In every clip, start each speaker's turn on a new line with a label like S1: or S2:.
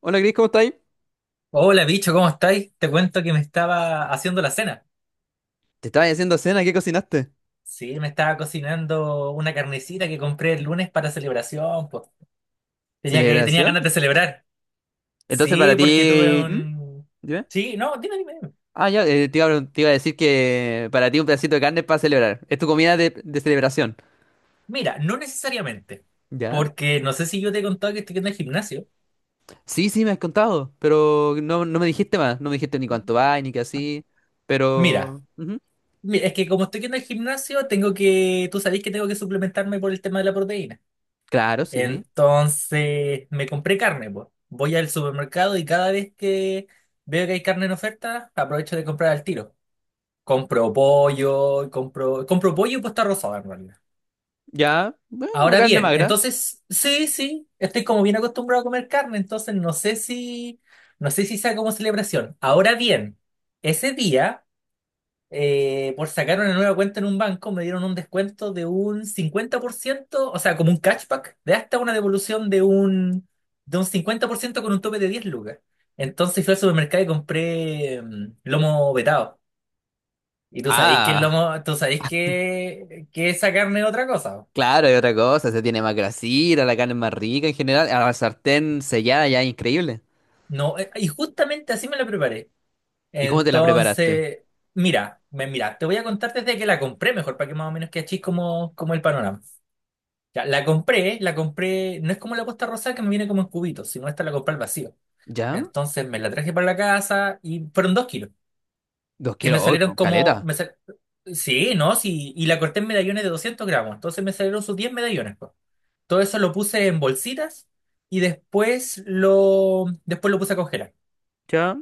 S1: Hola Cris, ¿cómo estáis?
S2: Hola bicho, ¿cómo estáis? Te cuento que me estaba haciendo la cena.
S1: Te estaba haciendo cena, ¿qué cocinaste?
S2: Sí, me estaba cocinando una carnecita que compré el lunes para celebración, pues. Tenía
S1: ¿Celebración?
S2: ganas de celebrar.
S1: Entonces para
S2: Sí, porque tuve
S1: ti. ¿Mm?
S2: un...
S1: Dime.
S2: Sí, no, dime, dime, dime.
S1: Ah, ya, te iba a decir que para ti un pedacito de carne es para celebrar. Es tu comida de celebración.
S2: Mira, no necesariamente,
S1: ¿Ya?
S2: porque no sé si yo te he contado que estoy yendo al gimnasio.
S1: Sí, sí, me has contado, pero no, no me dijiste más. No me dijiste ni cuánto va, ni qué así.
S2: Mira,
S1: Pero, ujú.
S2: mira, es que como estoy yendo al gimnasio, tú sabés que tengo que suplementarme por el tema de la proteína.
S1: Claro, sí.
S2: Entonces me compré carne, pues. Voy al supermercado y cada vez que veo que hay carne en oferta, aprovecho de comprar al tiro. Compro pollo, compro pollo y puesta rosada en realidad.
S1: Ya, bueno, una
S2: Ahora
S1: carne
S2: bien,
S1: magra.
S2: entonces sí, sí, estoy como bien acostumbrado a comer carne, entonces no sé si sea como celebración. Ahora bien, ese día por sacar una nueva cuenta en un banco, me dieron un descuento de un 50%, o sea, como un cashback, de hasta una devolución de un 50% con un tope de 10 lucas. Entonces fui al supermercado y compré lomo vetado. Y tú sabéis que el
S1: Ah,
S2: lomo, tú sabéis que esa carne es otra cosa.
S1: claro, hay otra cosa. Se tiene más grasita, la carne es más rica en general. A la sartén sellada ya, es increíble.
S2: No, y justamente así me la preparé.
S1: ¿Y cómo te la preparaste?
S2: Entonces, mira, te voy a contar desde que la compré mejor, para que más o menos que achis como, como el panorama. Ya, la compré, no es como la Costa Rosada que me viene como en cubitos, sino esta la compré al vacío.
S1: ¿Ya?
S2: Entonces me la traje para la casa y fueron 2 kilos,
S1: Dos
S2: que
S1: kilos,
S2: me
S1: hoy
S2: salieron
S1: con
S2: como...
S1: caleta.
S2: Sí, ¿no? Sí, y la corté en medallones de 200 gramos, entonces me salieron sus 10 medallones, po. Todo eso lo puse en bolsitas y después lo puse a congelar.
S1: ¿Ya?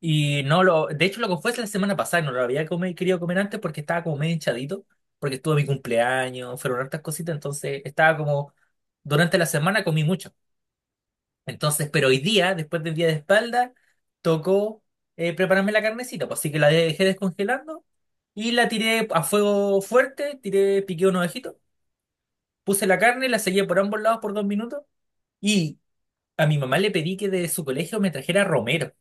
S2: Y no lo, de hecho lo que fue la semana pasada, no lo había comi- querido comer antes porque estaba como medio hinchadito, porque estuvo mi cumpleaños, fueron hartas cositas, entonces estaba como, durante la semana comí mucho. Entonces, pero hoy día, después del día de espalda, tocó prepararme la carnecita, pues, así que la dejé descongelando y la tiré a fuego fuerte, tiré, piqué unos ojitos, puse la carne, la sellé por ambos lados por 2 minutos y a mi mamá le pedí que de su colegio me trajera romero.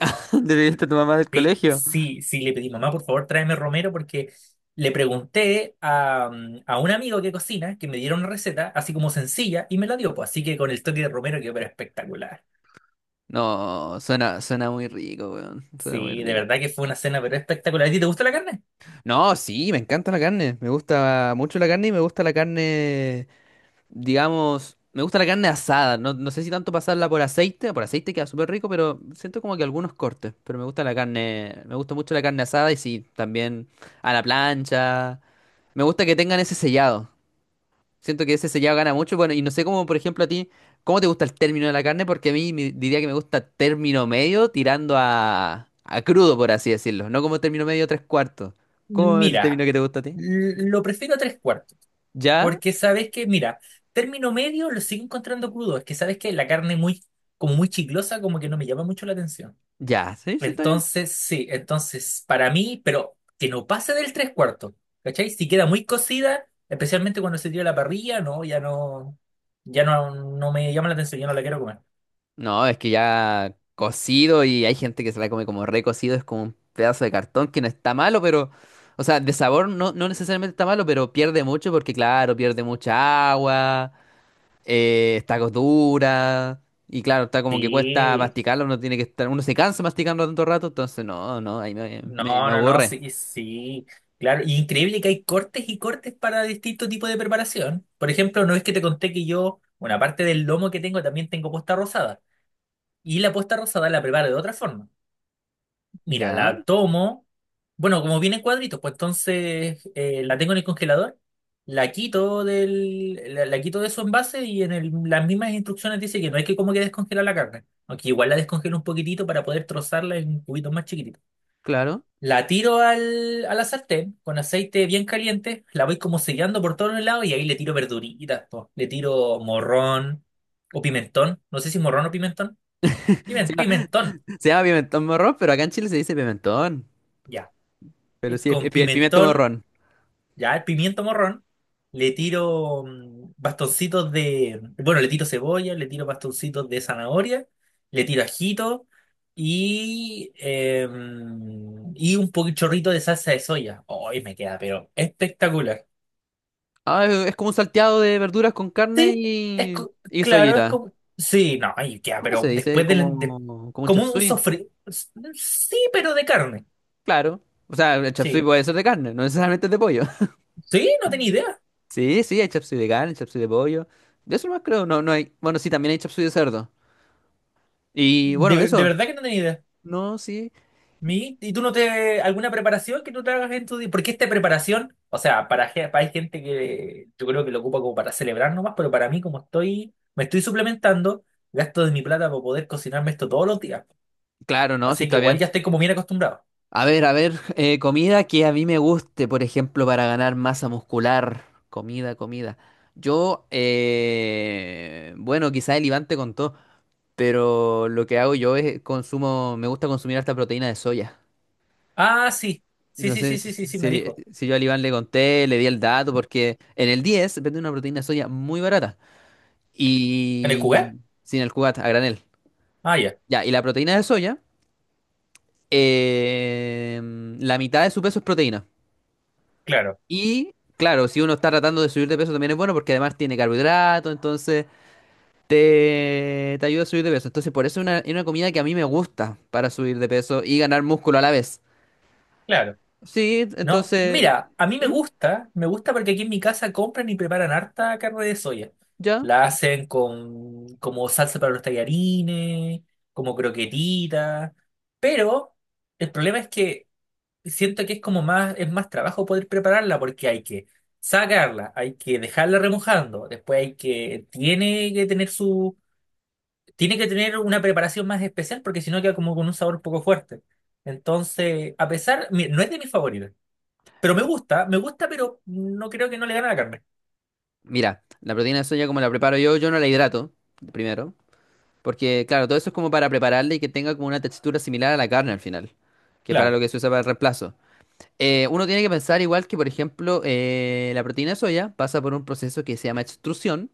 S1: ¿Despediste a tu mamá del
S2: Sí,
S1: colegio?
S2: sí, sí, le pedí, mamá, por favor, tráeme romero porque le pregunté a, a un amigo que cocina que me diera una receta así como sencilla y me la dio, pues, así que con el toque de romero quedó pero espectacular.
S1: No, suena muy rico, weón. Suena muy
S2: Sí, de
S1: rico.
S2: verdad que fue una cena pero espectacular. ¿A ti te gusta la carne?
S1: No, sí, me encanta la carne. Me gusta mucho la carne y me gusta la carne, digamos, me gusta la carne asada. No, no sé si tanto pasarla por aceite queda súper rico, pero siento como que algunos cortes. Pero me gusta la carne, me gusta mucho la carne asada y sí, también a la plancha. Me gusta que tengan ese sellado. Siento que ese sellado gana mucho. Bueno, y no sé cómo, por ejemplo, a ti, ¿cómo te gusta el término de la carne? Porque a mí diría que me gusta término medio tirando a crudo, por así decirlo. No como término medio tres cuartos. ¿Cómo es el término
S2: Mira,
S1: que te gusta a ti?
S2: lo prefiero a tres cuartos,
S1: ¿Ya?
S2: porque sabes que, mira, término medio lo sigo encontrando crudo, es que sabes que la carne muy, como muy chiclosa, como que no me llama mucho la atención.
S1: ¿Ya? ¿Sí? ¿Sí está bien?
S2: Entonces, sí, entonces, para mí, pero que no pase del tres cuartos, ¿cachai? Si queda muy cocida, especialmente cuando se tira a la parrilla, no, ya no, ya no, no me llama la atención, ya no la quiero comer.
S1: No, es que ya cocido y hay gente que se la come como recocido. Es como un pedazo de cartón que no está malo. Pero... O sea, de sabor no, no necesariamente está malo, pero pierde mucho porque, claro, pierde mucha agua. Está dura. Y claro, está como que cuesta
S2: Sí,
S1: masticarlo, uno tiene que estar, uno se cansa masticando tanto rato, entonces no, no, ahí me
S2: no, no, no,
S1: aburre.
S2: sí, sí, claro. Y increíble que hay cortes y cortes para distintos tipos de preparación. Por ejemplo, no es que te conté que yo, una parte del lomo que tengo, también tengo posta rosada. Y la posta rosada la preparo de otra forma. Mira,
S1: Ya,
S2: la tomo, bueno, como viene en cuadritos, pues entonces la tengo en el congelador, la quito de su envase y en el- las mismas instrucciones dice que no hay que como que descongelar la carne. Aunque igual la descongelo un poquitito para poder trozarla en cubitos más chiquititos.
S1: claro.
S2: La tiro al, a la sartén con aceite bien caliente, la voy como sellando por todos los lados y ahí le tiro verduritas, po. Le tiro morrón o pimentón, no sé si morrón o pimentón.
S1: Se llama,
S2: Pimentón,
S1: se llama pimentón morrón, pero acá en Chile se dice pimentón.
S2: ya.
S1: Pero
S2: Y
S1: sí,
S2: con
S1: el pimiento
S2: pimentón,
S1: morrón.
S2: ya el pimiento morrón, le tiro bastoncitos de, bueno, le tiro cebolla, le tiro bastoncitos de zanahoria, le tiro ajito y, y un poquito chorrito de salsa de soya. Hoy me queda, pero espectacular.
S1: Ah, es como un salteado de verduras con carne
S2: Sí,
S1: y, y
S2: claro, es
S1: soyita.
S2: como. Sí, no, ay, ya,
S1: ¿Cómo se
S2: pero
S1: dice?
S2: después del, de-
S1: Como un
S2: como un
S1: chapsui.
S2: sofrito. Sí, pero de carne.
S1: Claro. O sea, el chapsui
S2: Sí.
S1: puede ser de carne, no necesariamente es de pollo.
S2: Sí, no tenía idea.
S1: Sí, sí, hay chapsui de carne, chapsui de pollo. De eso más creo, no, no hay. Bueno, sí, también hay chapsui de cerdo. Y bueno,
S2: De
S1: eso.
S2: verdad que no tenía idea.
S1: No, sí.
S2: ¿Y tú no te, alguna preparación que tú te hagas en tu día? Porque esta preparación, o sea, hay gente que yo creo que lo ocupa como para celebrar nomás, pero para mí, como estoy, me estoy suplementando, gasto de mi plata para poder cocinarme esto todos los días.
S1: Claro, no, sí
S2: Así que
S1: está
S2: igual
S1: bien.
S2: ya estoy como bien acostumbrado.
S1: A ver, comida que a mí me guste, por ejemplo, para ganar masa muscular. Comida, comida. Yo, bueno, quizá el Iván te contó, pero lo que hago yo es consumo, me gusta consumir harta proteína de soya.
S2: Ah, sí. Sí,
S1: No
S2: sí,
S1: sé
S2: sí,
S1: si,
S2: sí, sí, sí, me
S1: si-
S2: dijo.
S1: si si yo al Iván le conté, le di el dato, porque en el 10 venden una proteína de soya muy barata.
S2: ¿En el cugar?
S1: Y sin el cugat, a granel.
S2: Ah, ya.
S1: Ya, y la proteína de soya, eh, la mitad de su peso es proteína.
S2: Claro,
S1: Y claro, si uno está tratando de subir de peso también es bueno porque además tiene carbohidrato, entonces te ayuda a subir de peso. Entonces por eso es una comida que a mí me gusta para subir de peso y ganar músculo a la vez.
S2: claro.
S1: Sí,
S2: No,
S1: entonces
S2: mira, a mí me gusta porque aquí en mi casa compran y preparan harta carne de soya.
S1: ya.
S2: La hacen con como salsa para los tallarines, como croquetitas, pero el problema es que siento que es como más, es más trabajo poder prepararla porque hay que sacarla, hay que dejarla remojando, después hay que, tiene que tener su, tiene que tener una preparación más especial porque si no queda como con un sabor poco fuerte. Entonces, a pesar, mi- no es de mis favoritos. Pero me gusta, pero no creo que no le gane a la carne.
S1: Mira, la proteína de soya como la preparo yo, yo no la hidrato, primero. Porque, claro, todo eso es como para prepararle y que tenga como una textura similar a la carne al final, que es para
S2: Claro,
S1: lo que se usa para el reemplazo. Uno tiene que pensar igual que, por ejemplo, la proteína de soya pasa por un proceso que se llama extrusión,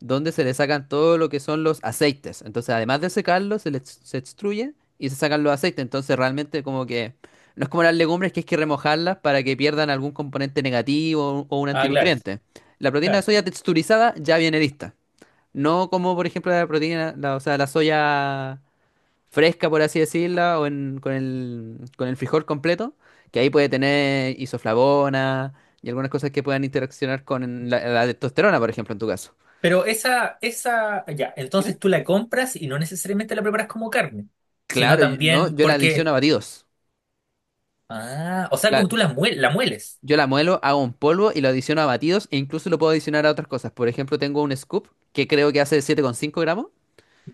S1: donde se le sacan todo lo que son los aceites. Entonces, además de secarlos se extruye y se sacan los aceites. Entonces, realmente como que no es como las legumbres que es que remojarlas para que pierdan algún componente negativo o un
S2: ah, claro,
S1: antinutriente. La proteína de
S2: claro.
S1: soya texturizada ya viene lista. No como, por ejemplo, o sea, la soya fresca, por así decirla, con el frijol completo, que ahí puede tener isoflavona y algunas cosas que puedan interaccionar con la testosterona, por ejemplo, en tu caso.
S2: Pero esa, ya,
S1: Dime.
S2: entonces tú la compras y no necesariamente la preparas como carne, sino
S1: Claro, no,
S2: también
S1: yo la adiciono a
S2: porque,
S1: batidos.
S2: ah, o sea, como
S1: Claro,
S2: tú la mueles.
S1: yo la muelo, hago un polvo y lo adiciono a batidos e incluso lo puedo adicionar a otras cosas. Por ejemplo, tengo un scoop que creo que hace 7,5 gramos.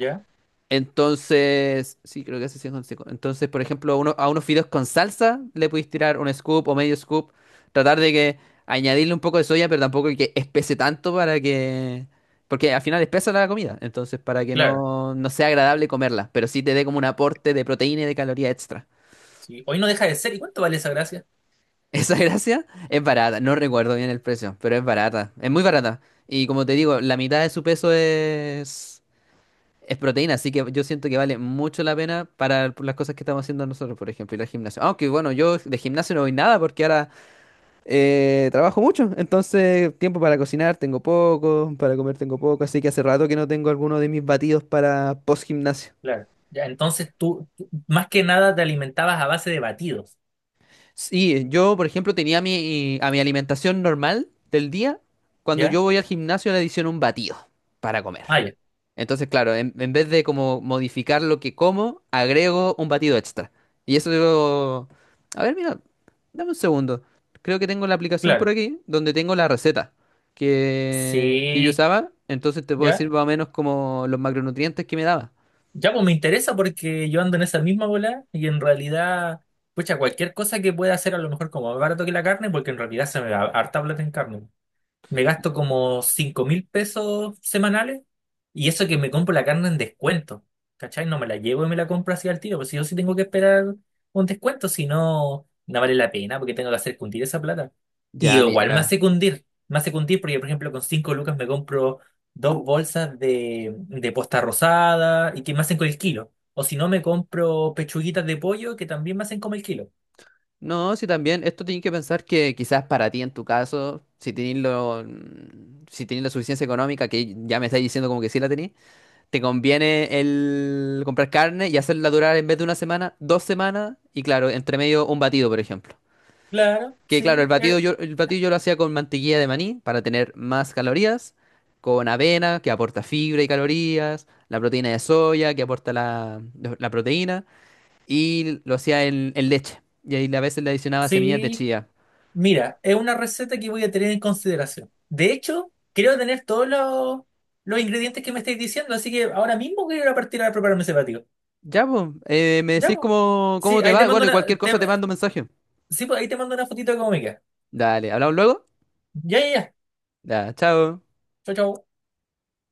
S2: Ya,
S1: Entonces, sí, creo que hace 100 con cinco. Entonces, por ejemplo, a unos fideos con salsa le podéis tirar un scoop o medio scoop. Tratar de que añadirle un poco de soya, pero tampoco que espese tanto para que. Porque al final espesa la comida, entonces para que
S2: claro.
S1: no, no sea agradable comerla, pero sí te dé como un aporte de proteína y de caloría extra.
S2: Sí. Hoy no deja de ser. ¿Y cuánto vale esa gracia?
S1: Esa gracia es barata, no recuerdo bien el precio, pero es barata, es muy barata. Y como te digo, la mitad de su peso es. Es proteína, así que yo siento que vale mucho la pena para las cosas que estamos haciendo nosotros, por ejemplo, ir al gimnasio. Aunque bueno, yo de gimnasio no voy nada porque ahora trabajo mucho, entonces tiempo para cocinar tengo poco, para comer tengo poco, así que hace rato que no tengo alguno de mis batidos para post gimnasio.
S2: Claro. Ya, entonces tú más que nada te alimentabas a base de batidos.
S1: Sí, yo por ejemplo tenía a mi alimentación normal del día, cuando yo
S2: ¿Ya?
S1: voy al gimnasio le adiciono un batido para comer.
S2: Ah, ya,
S1: Entonces, claro, en vez de como modificar lo que como, agrego un batido extra. Y eso digo. A ver, mira, dame un segundo. Creo que tengo la aplicación por
S2: claro.
S1: aquí donde tengo la receta que yo
S2: Sí,
S1: usaba. Entonces te puedo
S2: ya.
S1: decir más o menos como los macronutrientes que me daba.
S2: Ya, pues me interesa porque yo ando en esa misma bola y en realidad, pucha, cualquier cosa que pueda hacer a lo mejor como más barato que la carne, porque en realidad se me da harta plata en carne, me gasto como $5.000 semanales y eso que me compro la carne en descuento, ¿cachai? No me la llevo y me la compro así al tiro, pues si yo sí tengo que esperar un descuento, si no, no vale la pena porque tengo que hacer cundir esa plata. Y
S1: Ya,
S2: igual
S1: mira.
S2: me hace cundir porque, por ejemplo, con 5 lucas me compro dos bolsas de posta rosada y que me hacen con el kilo. O si no, me compro pechuguitas de pollo que también me hacen como el kilo.
S1: No, sí, también esto tienes que pensar que quizás para ti en tu caso, si tenés la suficiencia económica, que ya me estáis diciendo como que sí la tenés, te conviene el comprar carne y hacerla durar en vez de una semana, 2 semanas y claro, entre medio un batido, por ejemplo.
S2: Claro,
S1: Que claro, el
S2: sí,
S1: batido yo, el batido yo lo hacía con mantequilla de maní para tener más calorías, con avena que aporta fibra y calorías, la proteína de soya que aporta la proteína y lo hacía en leche. Y ahí a veces le adicionaba semillas de
S2: sí.
S1: chía.
S2: Mira, es una receta que voy a tener en consideración. De hecho, creo tener todos los ingredientes que me estáis diciendo, así que ahora mismo quiero ir a partir a prepararme ese batido.
S1: Ya, pues, me
S2: Ya,
S1: decís
S2: pues.
S1: cómo
S2: Sí,
S1: te
S2: ahí te
S1: va.
S2: mando
S1: Bueno, y cualquier cosa te mando un mensaje.
S2: sí, pues, ahí te mando una fotito de cómo me queda.
S1: Dale, hablamos luego.
S2: Ya, ya, ya.
S1: Ya, chao.
S2: Chao, chao.